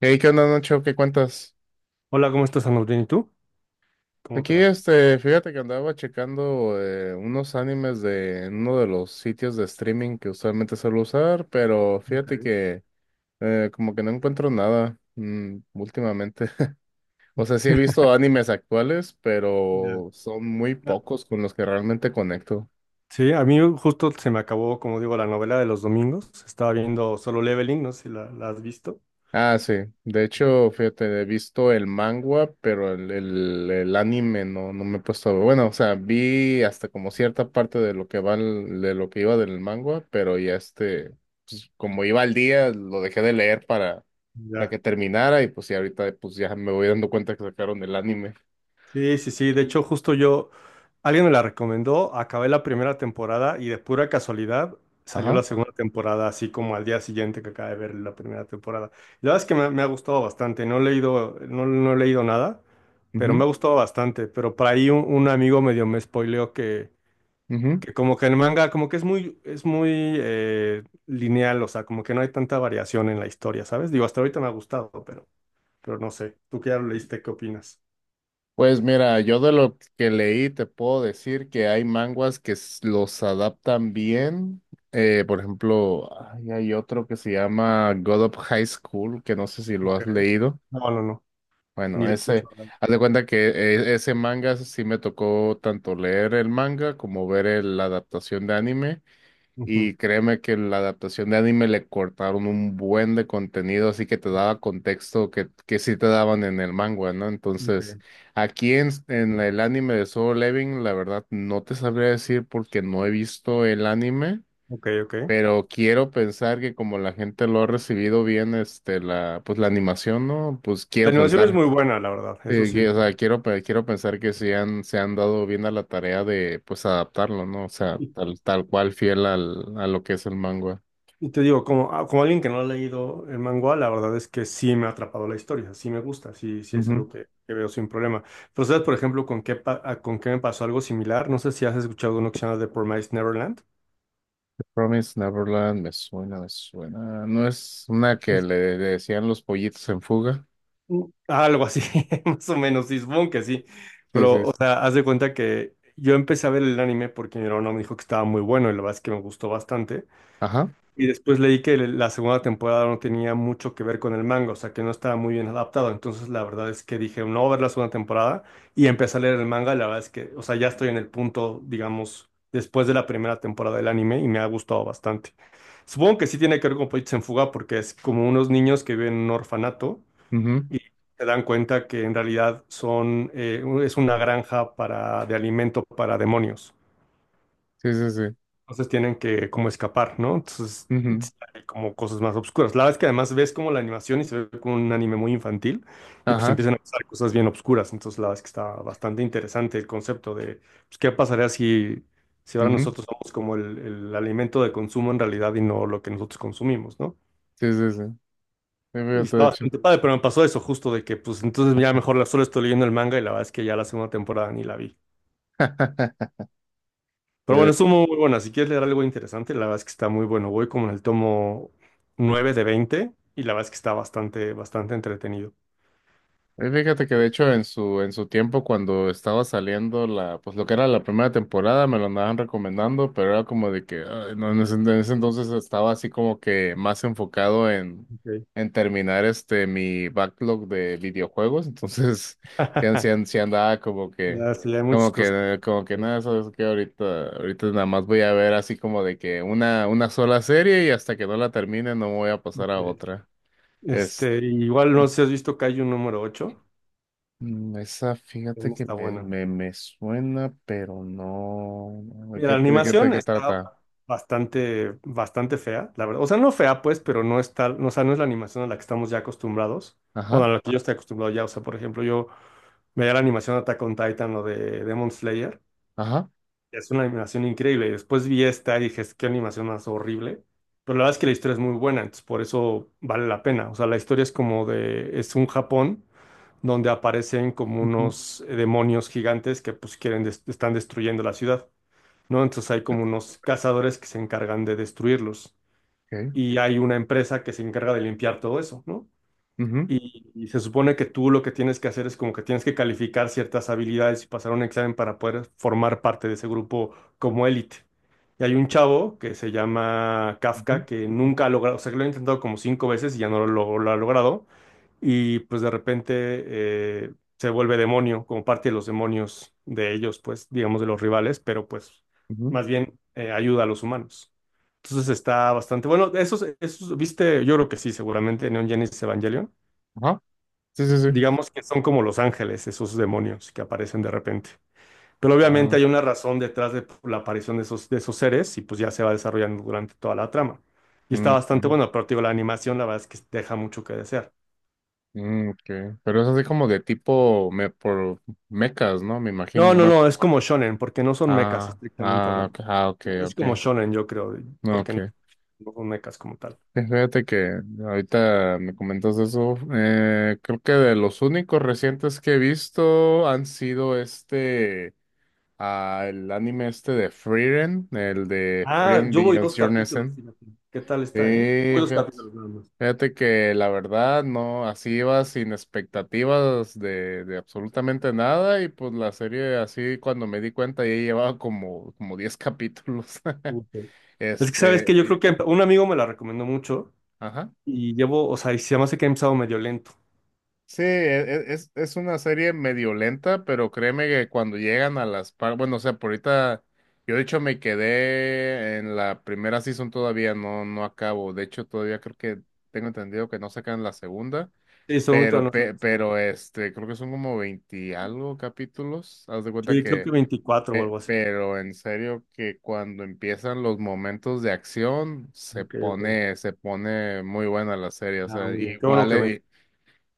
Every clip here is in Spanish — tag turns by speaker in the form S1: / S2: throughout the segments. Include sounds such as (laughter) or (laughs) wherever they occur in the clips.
S1: Hey, ¿qué onda, Nacho? ¿Qué cuentas?
S2: Hola, ¿cómo estás, Andrés? ¿Bien? ¿Y tú? ¿Cómo
S1: Aquí,
S2: te va?
S1: este, fíjate que andaba checando unos animes de en uno de los sitios de streaming que usualmente suelo usar, pero
S2: Ok.
S1: fíjate que como que no encuentro nada últimamente. (laughs) O sea, sí he
S2: (laughs)
S1: visto animes actuales,
S2: Ya.
S1: pero son muy
S2: Ah.
S1: pocos con los que realmente conecto.
S2: Sí, a mí justo se me acabó, como digo, la novela de los domingos. Estaba viendo Solo Leveling, no sé si la has visto.
S1: Ah, sí. De hecho, fíjate, he visto el manga, pero el anime no me he puesto a ver. Bueno, o sea, vi hasta como cierta parte de lo que va de lo que iba del manga, pero ya este, pues, como iba al día, lo dejé de leer para
S2: Ya.
S1: que terminara, y pues y ahorita pues ya me voy dando cuenta que sacaron el anime.
S2: Sí, sí, sí. De hecho, justo yo, alguien me la recomendó, acabé la primera temporada y de pura casualidad salió la
S1: Ajá.
S2: segunda temporada, así como al día siguiente que acabé de ver la primera temporada. La verdad es que me ha gustado bastante. No he leído, no, no he leído nada, pero me ha gustado bastante. Pero por ahí un amigo medio me spoileó que
S1: Mhm.
S2: que como que el manga, como que es muy lineal, o sea, como que no hay tanta variación en la historia, ¿sabes? Digo, hasta ahorita me ha gustado, pero no sé. ¿Tú que ya lo leíste, qué opinas?
S1: Pues mira, yo de lo que leí te puedo decir que hay manguas que los adaptan bien. Por ejemplo, ay, hay otro que se llama God of High School, que no sé si lo
S2: Ok.
S1: has leído.
S2: No, no, no, ni
S1: Bueno,
S2: le
S1: ese,
S2: escucho hablar.
S1: haz de cuenta que ese manga sí me tocó tanto leer el manga como ver la adaptación de anime.
S2: Ujú.
S1: Y créeme que la adaptación de anime le cortaron un buen de contenido, así que te daba contexto que sí te daban en el manga, ¿no?
S2: Ok,
S1: Entonces, aquí en el anime de Solo Leveling, la verdad no te sabría decir porque no he visto el anime,
S2: ok, ok.
S1: pero quiero pensar que como la gente lo ha recibido bien, este, la, pues la animación, ¿no? Pues
S2: La
S1: quiero
S2: animación es
S1: pensar.
S2: muy buena, la verdad, eso sí.
S1: Que, o sea, quiero, quiero pensar que sí han, se han dado bien a la tarea de, pues, adaptarlo, ¿no? O sea,
S2: Y,
S1: tal cual fiel al, a lo que es el manga.
S2: y te digo, como, ah, como alguien que no ha leído el manga, la verdad es que sí me ha atrapado la historia, sí me gusta, sí, sí es
S1: Ujú.
S2: algo que veo sin problema. Pero ¿sabes, por ejemplo, con qué, con qué me pasó algo similar? No sé si has escuchado uno que se llama The Promised Neverland.
S1: The Promised Neverland, me suena, me suena. ¿No es una que le decían los pollitos en fuga?
S2: Mm, Algo así, (laughs) más o menos, sí, supongo que sí.
S1: Sí,
S2: Pero,
S1: sí,
S2: o
S1: sí.
S2: sea, haz de cuenta que yo empecé a ver el anime porque mi hermano me dijo que estaba muy bueno y la verdad es que me gustó bastante.
S1: Ajá.
S2: Y después leí que la segunda temporada no tenía mucho que ver con el manga, o sea, que no estaba muy bien adaptado. Entonces, la verdad es que dije, no voy a ver la segunda temporada y empecé a leer el manga. Y la verdad es que, o sea, ya estoy en el punto, digamos, después de la primera temporada del anime y me ha gustado bastante. Supongo que sí tiene que ver con Pollitos en Fuga porque es como unos niños que viven en un orfanato
S1: Ujú.
S2: y se dan cuenta que en realidad son, es una granja de alimento para demonios.
S1: Sí, sí, sí.
S2: Entonces tienen que como escapar, ¿no? Entonces
S1: Ujú.
S2: sí hay como cosas más obscuras. La verdad es que además ves como la animación y se ve como un anime muy infantil y pues
S1: Ajá.
S2: empiezan a pasar cosas bien obscuras. Entonces la verdad es que está bastante interesante el concepto de pues, qué pasaría si, si ahora
S1: Ujú.
S2: nosotros somos como el alimento de consumo en realidad y no lo que nosotros consumimos, ¿no?
S1: Sí, sí, sí. Sí,
S2: Y
S1: fíjate, de
S2: está
S1: hecho.
S2: bastante padre, pero me pasó eso justo de que, pues entonces ya mejor la solo estoy leyendo el manga y la verdad es que ya la segunda temporada ni la vi.
S1: (laughs)
S2: Pero
S1: Eh,
S2: bueno, es muy buena. Si quieres leer algo interesante, la verdad es que está muy bueno. Voy como en el tomo 9 de 20 y la verdad es que está bastante, bastante entretenido.
S1: Fíjate que de hecho en su tiempo cuando estaba saliendo la, pues lo que era la primera temporada me lo andaban recomendando, pero era como de que ay, no, en ese entonces estaba así como que más enfocado
S2: Ok.
S1: en terminar este mi backlog de videojuegos, entonces (laughs) sí, an- sí an-
S2: (laughs)
S1: sí andaba como que,
S2: Ya, sí, hay muchas
S1: como
S2: cosas.
S1: que, como que nada, sabes que ahorita nada más voy a ver así como de que una sola serie y hasta que no la termine no me voy a pasar a
S2: Ok.
S1: otra. Es
S2: Este, igual
S1: (laughs)
S2: no sé si has visto Kaiju número 8.
S1: Esa, fíjate
S2: También
S1: que
S2: está
S1: me,
S2: buena.
S1: me, me suena, pero no. no, ¿De
S2: Mira, la
S1: qué, de qué, de
S2: animación
S1: qué
S2: está
S1: trata?
S2: bastante, bastante fea, la verdad. O sea, no fea, pues, pero no está, no, o sea, no es la animación a la que estamos ya acostumbrados. Bueno,
S1: Ajá,
S2: a la que yo estoy acostumbrado ya. O sea, por ejemplo, yo veía la animación de Attack on Titan o de Demon Slayer.
S1: ajá.
S2: Es una animación increíble. Y después vi esta y dije, "Es- qué animación más horrible." Pero la verdad es que la historia es muy buena, entonces por eso vale la pena. O sea, la historia es como de, es un Japón donde aparecen como
S1: Ujú.
S2: unos demonios gigantes que pues quieren, están destruyendo la ciudad. ¿No? Entonces hay como unos cazadores que se encargan de destruirlos
S1: Okay.
S2: y hay una empresa que se encarga de limpiar todo eso, ¿no?
S1: Ujú,
S2: Y se supone que tú lo que tienes que hacer es como que tienes que calificar ciertas habilidades y pasar un examen para poder formar parte de ese grupo como élite. Y hay un chavo que se llama
S1: ujú,
S2: Kafka que nunca ha logrado, o sea, que lo ha intentado como cinco veces y ya no lo ha logrado y pues de repente se vuelve demonio, como parte de los demonios de ellos, pues digamos de los rivales, pero pues
S1: ujú.
S2: más bien ayuda a los humanos. Entonces está bastante bueno. Esos, viste, yo creo que sí, seguramente Neon Genesis Evangelion.
S1: Ajá. Sí, sí, sí.
S2: Digamos que son como los ángeles, esos demonios que aparecen de repente. Pero obviamente
S1: Ah,
S2: hay una razón detrás de la aparición de esos seres y pues ya se va desarrollando durante toda la trama. Y
S1: mm,
S2: está
S1: ok.
S2: bastante bueno, pero te digo, la animación la verdad es que deja mucho que desear.
S1: Mm, ok. Pero es así como de tipo por mecas, ¿no? Me imagino.
S2: No, no,
S1: Bueno.
S2: no, es como shonen, porque no son mechas
S1: Ah,
S2: estrictamente
S1: ah, ok,
S2: hablando.
S1: ah, ok,
S2: Es
S1: ok.
S2: como shonen, yo creo,
S1: No,
S2: porque no,
S1: ok.
S2: no son mechas como tal.
S1: Sí, fíjate que ahorita me comentas eso. Creo que de los únicos recientes que he visto han sido este. Al anime este de Frieren, el de
S2: Ah,
S1: Frieren
S2: yo voy
S1: Beyond
S2: dos
S1: Your
S2: capítulos,
S1: Nessen.
S2: fíjate. ¿Qué tal
S1: Sí,
S2: está, eh? Voy dos
S1: fíjate,
S2: capítulos nada más.
S1: fíjate que la verdad no, así iba sin expectativas de absolutamente nada y pues la serie así cuando me di cuenta ya llevaba como 10 capítulos.
S2: Ok.
S1: (laughs)
S2: Es que sabes
S1: Este,
S2: que yo creo que un amigo me la recomendó mucho
S1: ajá.
S2: y llevo, o sea, y se me hace que he empezado medio lento.
S1: Sí, es una serie medio lenta, pero créeme que cuando llegan bueno, o sea, por ahorita, yo de hecho me quedé en la primera season todavía, no acabo. De hecho, todavía creo que tengo entendido que no sacan la segunda,
S2: Sí, estoy muy
S1: pero,
S2: todavía no sé
S1: pe-
S2: la segunda.
S1: pero este, creo que son como 20 y algo capítulos. Haz de cuenta
S2: Sí, creo
S1: que,
S2: que 24, o algo así.
S1: pero en serio que cuando empiezan los momentos de acción, se
S2: Ok, ok.
S1: pone, se pone muy buena la serie. O
S2: Ah,
S1: sea,
S2: muy bien. Qué bueno
S1: igual,
S2: que me.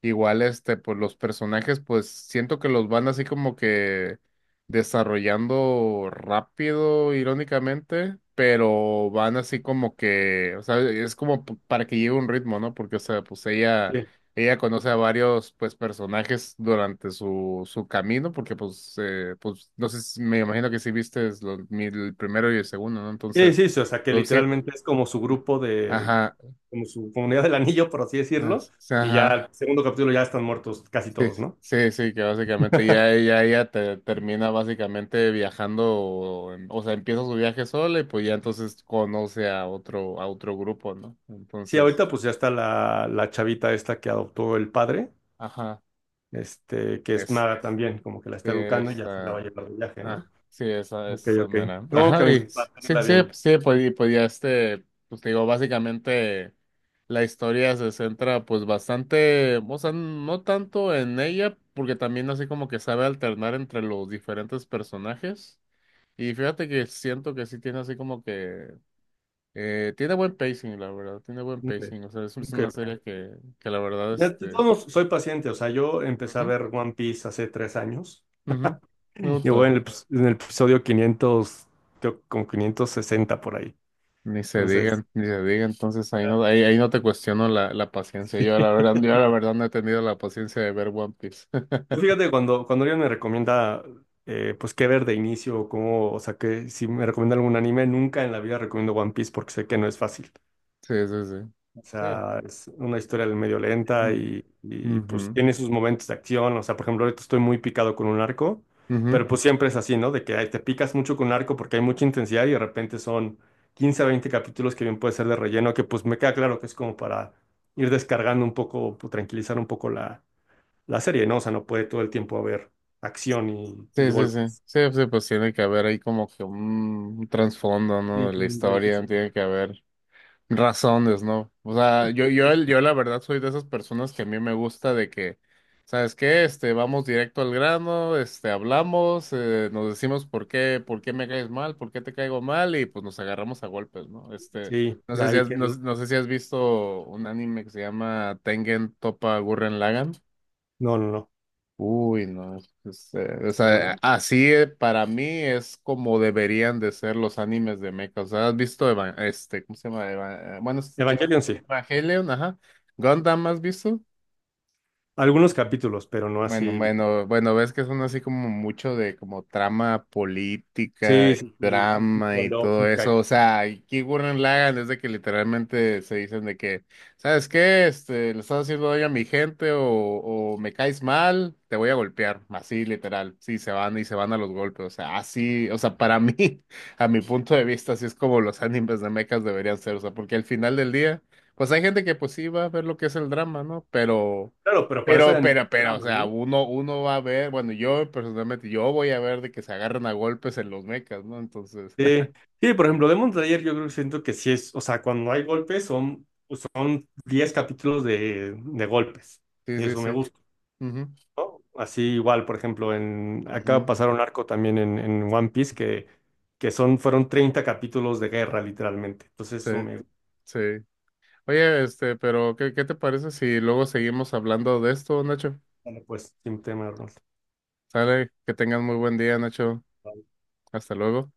S1: igual, este, pues los personajes, pues siento que los van así como que desarrollando rápido, irónicamente, pero van así como que, o sea, es como para que lleve un ritmo, ¿no? Porque, o sea, pues ella,
S2: Sí,
S1: ella conoce a varios, pues, personajes durante su camino, porque, pues, pues, no sé, me imagino que sí viste el primero y el segundo, ¿no?
S2: sí,
S1: Entonces,
S2: sí, sí, o sea, que
S1: pues sí,
S2: literalmente es como su grupo de
S1: ajá,
S2: como su comunidad del anillo, por así decirlo,
S1: sí,
S2: y ya
S1: ajá.
S2: el segundo capítulo ya están muertos casi
S1: Sí,
S2: todos, ¿no?
S1: sí, sí, que básicamente ya ella termina básicamente viajando, o sea, empieza su viaje sola y pues ya
S2: Sí.
S1: entonces conoce a otro grupo, ¿no?
S2: Sí,
S1: Entonces,
S2: ahorita pues ya está la chavita esta que adoptó el padre,
S1: ajá,
S2: este, que es
S1: es,
S2: maga también, como que la
S1: sí,
S2: está educando y ya se la va a
S1: esa,
S2: llevar de viaje,
S1: ah,
S2: ¿no?
S1: sí, esa,
S2: Ok,
S1: esa
S2: ok.
S1: mera.
S2: ¿Cómo que
S1: Ajá,
S2: me
S1: y
S2: dices? Para
S1: sí,
S2: tenerla
S1: sí,
S2: bien.
S1: sí, pues, y pues ya este, pues te digo, básicamente la historia se centra pues bastante, o sea, no tanto en ella, porque también así como que sabe alternar entre los diferentes personajes. Y fíjate que siento que sí tiene así como que... tiene buen pacing, la verdad, tiene buen
S2: Ok,
S1: pacing. O sea, es
S2: ok,
S1: una serie
S2: ok.
S1: que la verdad,
S2: De
S1: este...
S2: todos modos, soy paciente, o sea, yo empecé a
S1: Ujú,
S2: ver One Piece hace 3 años.
S1: ujú, me
S2: Y voy
S1: gusta.
S2: en el, en el episodio 500 creo, como 560 por ahí.
S1: Ni se
S2: Entonces,
S1: digan, ni se diga. Entonces ahí no, ahí no te cuestiono la paciencia. Yo la verdad no he tenido la paciencia de ver One Piece. (laughs)
S2: fíjate, cuando, cuando alguien me recomienda, pues, qué ver de inicio, o cómo, o sea, que si me recomienda algún anime, nunca en la vida recomiendo One Piece porque sé que no es fácil.
S1: Sí, sí, sí.
S2: O
S1: Sí.
S2: sea, es una historia medio lenta
S1: Mm,
S2: y, pues,
S1: ujú,
S2: tiene sus momentos de acción. O sea, por ejemplo, ahorita estoy muy picado con un arco, pero
S1: ujú.
S2: pues siempre es así, ¿no? De que ay, te picas mucho con un arco porque hay mucha intensidad y de repente son 15 a 20 capítulos que bien puede ser de relleno, que pues me queda claro que es como para ir descargando un poco, pues, tranquilizar un poco la la serie, ¿no? O sea, no puede todo el tiempo haber acción y
S1: Sí, sí, sí.
S2: golpes.
S1: Sí, sí, pues tiene que haber ahí como que un trasfondo, ¿no? De
S2: Sí,
S1: la
S2: un break,
S1: historia,
S2: exacto.
S1: tiene que haber. Razones, ¿no? O sea, yo la verdad soy de esas personas que a mí me gusta de que, ¿sabes qué? Este, vamos directo al grano, este, hablamos, nos decimos por qué, me caes mal, por qué te caigo mal, y pues nos agarramos a golpes, ¿no? Este,
S2: Sí, de ahí que...
S1: no sé si has visto un anime que se llama Tengen Toppa Gurren Lagann.
S2: No, no, no.
S1: Uy, no, o
S2: Está
S1: sea,
S2: bueno.
S1: así para mí es como deberían de ser los animes de mecha. O sea, ¿has visto este, ¿cómo se llama? Bueno, es
S2: Evangelion sí.
S1: Evangelion, ajá. Gundam, ¿has visto?
S2: Algunos capítulos, pero no
S1: Bueno,
S2: así.
S1: bueno, bueno, ves que son así como mucho de como trama política
S2: Sí,
S1: y
S2: sí, sí, sí,
S1: drama
S2: tipo
S1: y todo
S2: lógica.
S1: eso. O sea, aquí Gurren Lagann es de que literalmente se dicen de que, ¿sabes qué? Este, le estás haciendo daño a mi gente o me caes mal, te voy a golpear. Así literal. Sí, se van y se van a los golpes. O sea, así, o sea, para mí, (laughs) a mi punto de vista, así es como los animes de mechas deberían ser. O sea, porque al final del día, pues hay gente que pues sí va a ver lo que es el drama, ¿no? Pero.
S2: Claro, pero para eso hay
S1: Pero,
S2: anime.
S1: pero, pero, o
S2: Drama,
S1: sea,
S2: ¿no?
S1: uno va a ver, bueno, yo personalmente, yo voy a ver de que se agarran a golpes en los mechas, ¿no? Entonces,
S2: Sí, sí, por
S1: (laughs)
S2: ejemplo, Demon Slayer yo creo que siento que sí es, o sea, cuando hay golpes son 10 capítulos de golpes.
S1: sí,
S2: Y
S1: sí,
S2: eso me
S1: sí.
S2: gusta.
S1: Ujú,
S2: ¿No? Así igual, por ejemplo, en acaba
S1: ujú.
S2: pasar un arco también en One Piece que son, fueron 30 capítulos de guerra, literalmente. Entonces,
S1: Sí,
S2: eso me...
S1: sí. Oye, este, pero ¿qué te parece si luego seguimos hablando de esto, Nacho?
S2: Vale, pues, sin tema, Arnold.
S1: Sale, que tengas muy buen día, Nacho. Hasta luego.